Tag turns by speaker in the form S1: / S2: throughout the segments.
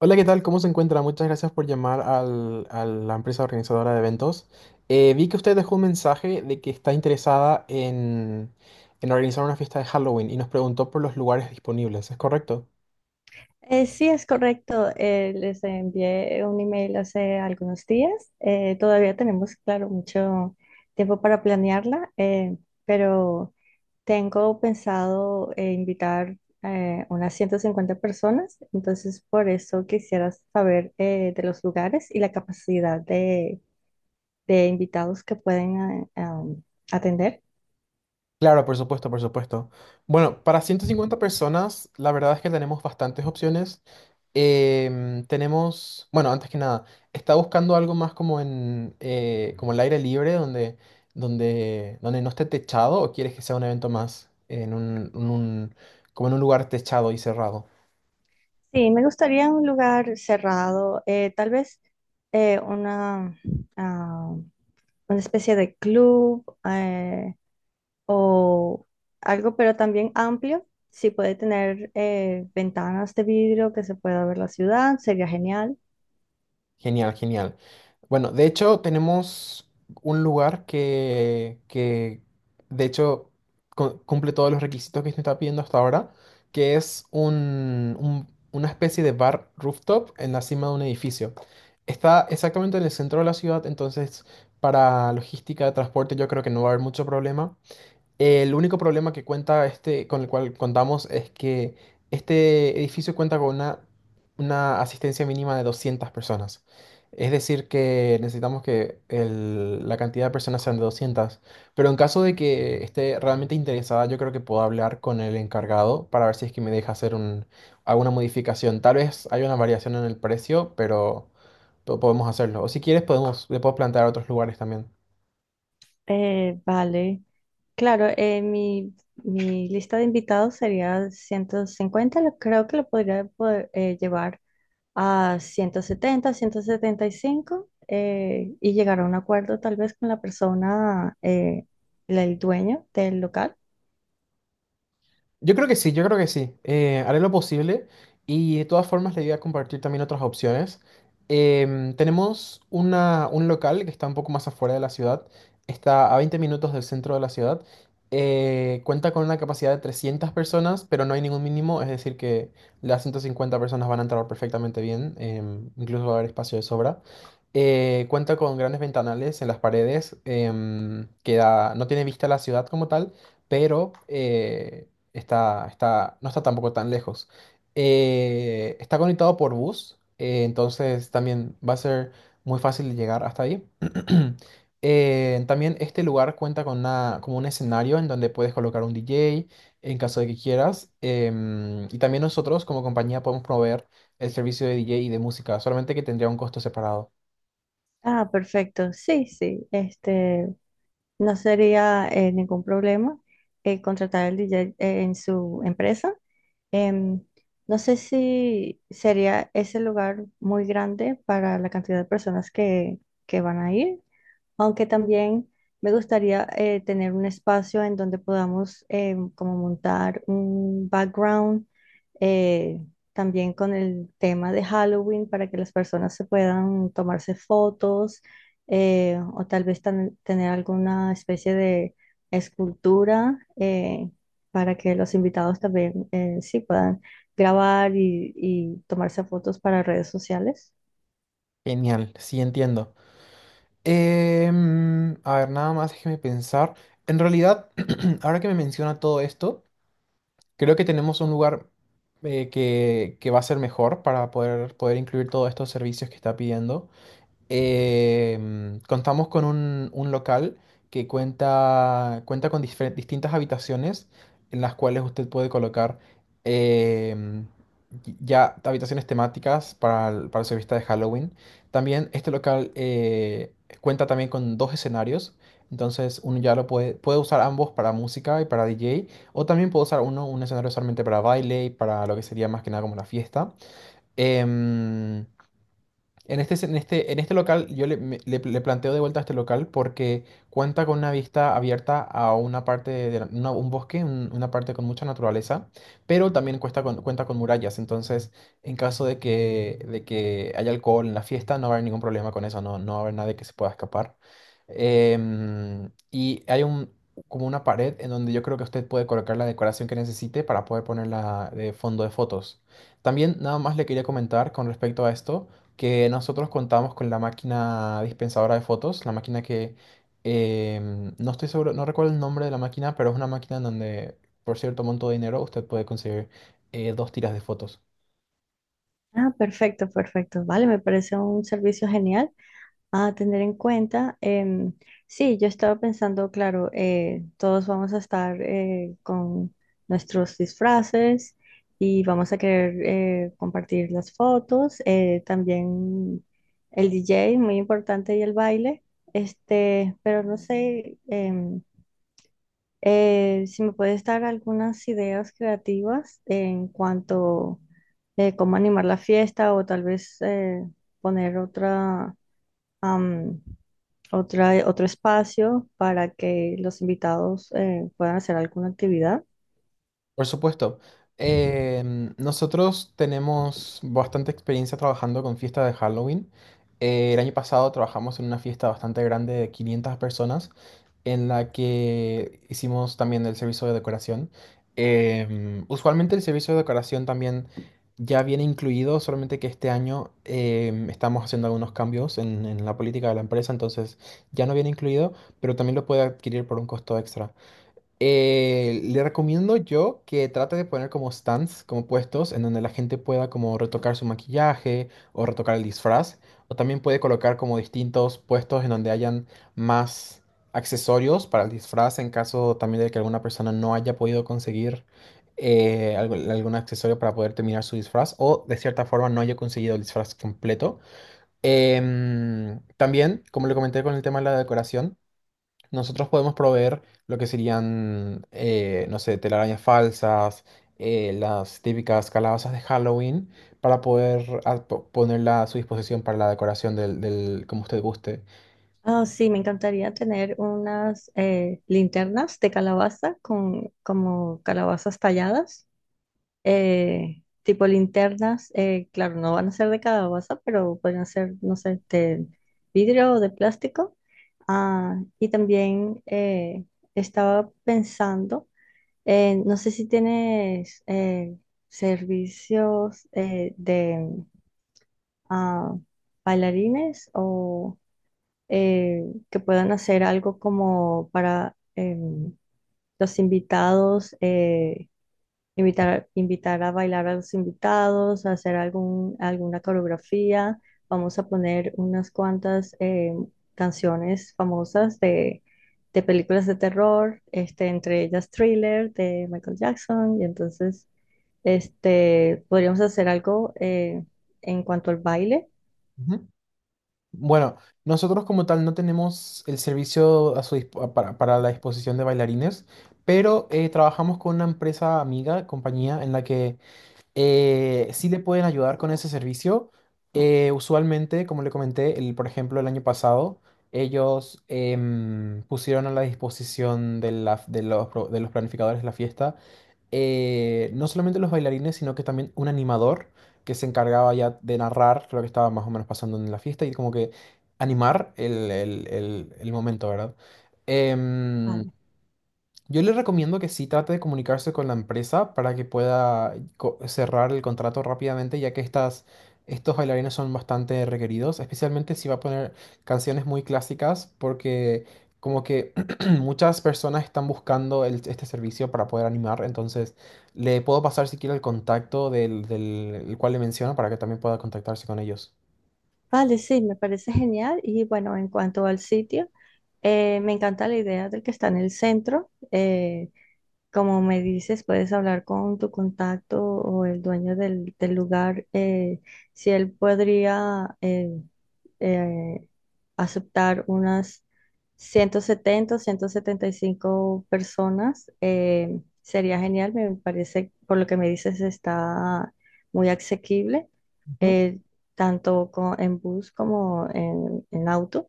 S1: Hola, ¿qué tal? ¿Cómo se encuentra? Muchas gracias por llamar a la empresa organizadora de eventos. Vi que usted dejó un mensaje de que está interesada en organizar una fiesta de Halloween y nos preguntó por los lugares disponibles, ¿es correcto?
S2: Sí, es correcto. Les envié un email hace algunos días. Todavía tenemos, claro, mucho tiempo para planearla, pero tengo pensado invitar unas 150 personas. Entonces, por eso quisiera saber de los lugares y la capacidad de invitados que pueden atender.
S1: Claro, por supuesto, por supuesto. Bueno, para 150 personas, la verdad es que tenemos bastantes opciones. Tenemos, bueno, antes que nada, está buscando algo más como en como el aire libre, donde no esté techado, ¿o quieres que sea un evento más en como en un lugar techado y cerrado?
S2: Sí, me gustaría un lugar cerrado, tal vez eh, una... ah, una especie de club o algo, pero también amplio. Si puede tener ventanas de vidrio que se pueda ver la ciudad, sería genial.
S1: Genial, genial. Bueno, de hecho tenemos un lugar que de hecho cumple todos los requisitos que se está pidiendo hasta ahora, que es una especie de bar rooftop en la cima de un edificio. Está exactamente en el centro de la ciudad, entonces para logística de transporte yo creo que no va a haber mucho problema. El único problema que cuenta este, con el cual contamos es que este edificio cuenta con una asistencia mínima de 200 personas. Es decir, que necesitamos que la cantidad de personas sean de 200. Pero en caso de que esté realmente interesada, yo creo que puedo hablar con el encargado para ver si es que me deja alguna modificación. Tal vez hay una variación en el precio, pero podemos hacerlo. O si quieres, podemos, le puedo plantear otros lugares también.
S2: Vale, claro, mi lista de invitados sería 150, creo que lo podría poder, llevar a 170, 175 y llegar a un acuerdo tal vez con la persona, el dueño del local.
S1: Yo creo que sí, yo creo que sí. Haré lo posible y de todas formas le voy a compartir también otras opciones. Tenemos un local que está un poco más afuera de la ciudad, está a 20 minutos del centro de la ciudad. Cuenta con una capacidad de 300 personas, pero no hay ningún mínimo, es decir, que las 150 personas van a entrar perfectamente bien, em, incluso va a haber espacio de sobra. Cuenta con grandes ventanales en las paredes, em, no tiene vista a la ciudad como tal, pero está, no está tampoco tan lejos. Está conectado por bus, entonces también va a ser muy fácil de llegar hasta ahí. También este lugar cuenta con una, como un escenario en donde puedes colocar un DJ en caso de que quieras. Em, y también nosotros como compañía podemos proveer el servicio de DJ y de música, solamente que tendría un costo separado.
S2: Ah, perfecto. Sí, sí. Este, no sería ningún problema contratar al DJ en su empresa. Em, no sé si sería ese lugar muy grande para la cantidad de personas que van a ir, aunque también me gustaría tener un espacio en donde podamos como montar un background eh, también con el tema de Halloween para que las personas se puedan tomarse fotos, o tal vez tener alguna especie de escultura para que los invitados también sí puedan grabar y tomarse fotos para redes sociales.
S1: Genial, sí entiendo. Em, a ver, nada más déjeme pensar. En realidad, ahora que me menciona todo esto, creo que tenemos un lugar que va a ser mejor para poder incluir todos estos servicios que está pidiendo. Em, contamos con un local que cuenta con distintas habitaciones en las cuales usted puede colocar em, ya habitaciones temáticas para, para su fiesta de Halloween. También este local cuenta también con dos escenarios. Entonces uno ya lo puede usar ambos para música y para DJ. O también puede usar uno, un escenario solamente para baile y para lo que sería más que nada como la fiesta. Em, en este local, yo le, le planteo de vuelta a este local porque cuenta con una vista abierta a una parte de un bosque, una parte con mucha naturaleza, pero también cuenta con murallas. Entonces, en caso de de que haya alcohol en la fiesta, no va a haber ningún problema con eso, no, no va a haber nadie que se pueda escapar. Em, y hay un, como una pared en donde yo creo que usted puede colocar la decoración que necesite para poder ponerla de fondo de fotos. También nada más le quería comentar con respecto a esto que nosotros contamos con la máquina dispensadora de fotos, la máquina que em, no estoy seguro, no recuerdo el nombre de la máquina, pero es una máquina en donde por cierto monto de dinero usted puede conseguir dos tiras de fotos.
S2: Ah, perfecto, perfecto. Vale, me parece un servicio genial a tener en cuenta. Sí, yo estaba pensando, claro, todos vamos a estar con nuestros disfraces y vamos a querer compartir las fotos, también el DJ, muy importante, y el baile, este, pero no sé. Si me puedes dar algunas ideas creativas en cuanto a cómo animar la fiesta o tal vez poner am, otra, otro espacio para que los invitados puedan hacer alguna actividad.
S1: Por supuesto. Em, nosotros tenemos bastante experiencia trabajando con fiestas de Halloween. El año pasado trabajamos en una fiesta bastante grande de 500 personas en la que hicimos también el servicio de decoración. Em, usualmente el servicio de decoración también ya viene incluido, solamente que este año em, estamos haciendo algunos cambios en la política de la empresa, entonces ya no viene incluido, pero también lo puede adquirir por un costo extra. Le recomiendo yo que trate de poner como stands, como puestos, en donde la gente pueda como retocar su maquillaje o retocar el disfraz. O también puede colocar como distintos puestos en donde hayan más accesorios para el disfraz en caso también de que alguna persona no haya podido conseguir algún accesorio para poder terminar su disfraz o de cierta forma no haya conseguido el disfraz completo. Em, también, como le comenté con el tema de la decoración. Nosotros podemos proveer lo que serían, no sé, telarañas falsas, las típicas calabazas de Halloween, para poder ponerla a su disposición para la decoración como usted guste.
S2: Ah, sí, me encantaría tener unas linternas de calabaza con como calabazas talladas, tipo linternas, claro, no van a ser de calabaza, pero pueden ser, no sé, de vidrio o de plástico. Ah, y también estaba pensando. No sé si tienes servicios de ah, bailarines o eh, que puedan hacer algo como para los invitados, invitar a bailar a los invitados, a hacer alguna coreografía. Vamos a poner unas cuantas canciones famosas de películas de terror, este, entre ellas Thriller de Michael Jackson. Y entonces, este, podríamos hacer algo en cuanto al baile.
S1: Ujú. Bueno, nosotros como tal no tenemos el servicio a su para la disposición de bailarines, pero trabajamos con una empresa amiga, compañía, en la que sí le pueden ayudar con ese servicio. Usualmente, como le comenté, por ejemplo, el año pasado, ellos em, pusieron a la disposición de, de los, de los planificadores de la fiesta, no solamente los bailarines, sino que también un animador que se encargaba ya de narrar lo que estaba más o menos pasando en la fiesta y como que animar el momento, ¿verdad? Em,
S2: Vale.
S1: yo le recomiendo que sí trate de comunicarse con la empresa para que pueda cerrar el contrato rápidamente, ya que estos bailarines son bastante requeridos, especialmente si va a poner canciones muy clásicas, porque como que muchas personas están buscando este servicio para poder animar, entonces le puedo pasar si quiere el contacto del el cual le menciono para que también pueda contactarse con ellos.
S2: Vale, sí, me parece genial. Y bueno, en cuanto al sitio, me encanta la idea del que está en el centro. Como me dices, puedes hablar con tu contacto o el dueño del lugar, si él podría eh, aceptar unas 170 o 175 personas, sería genial. Me parece, por lo que me dices, está muy asequible,
S1: Ujú.
S2: eh, tanto en bus como en auto.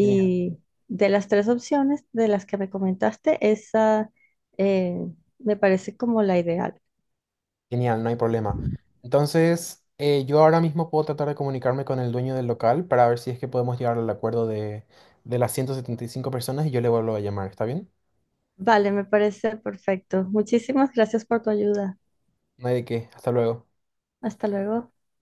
S1: Genial.
S2: de las tres opciones de las que me comentaste, esa eh, me parece como la ideal.
S1: Genial, no hay problema. Entonces, yo ahora mismo puedo tratar de comunicarme con el dueño del local para ver si es que podemos llegar al acuerdo de las 175 personas y yo le vuelvo a llamar, ¿está bien?
S2: Vale, me parece perfecto. Muchísimas gracias por tu ayuda.
S1: No hay de qué. Hasta luego.
S2: Hasta luego.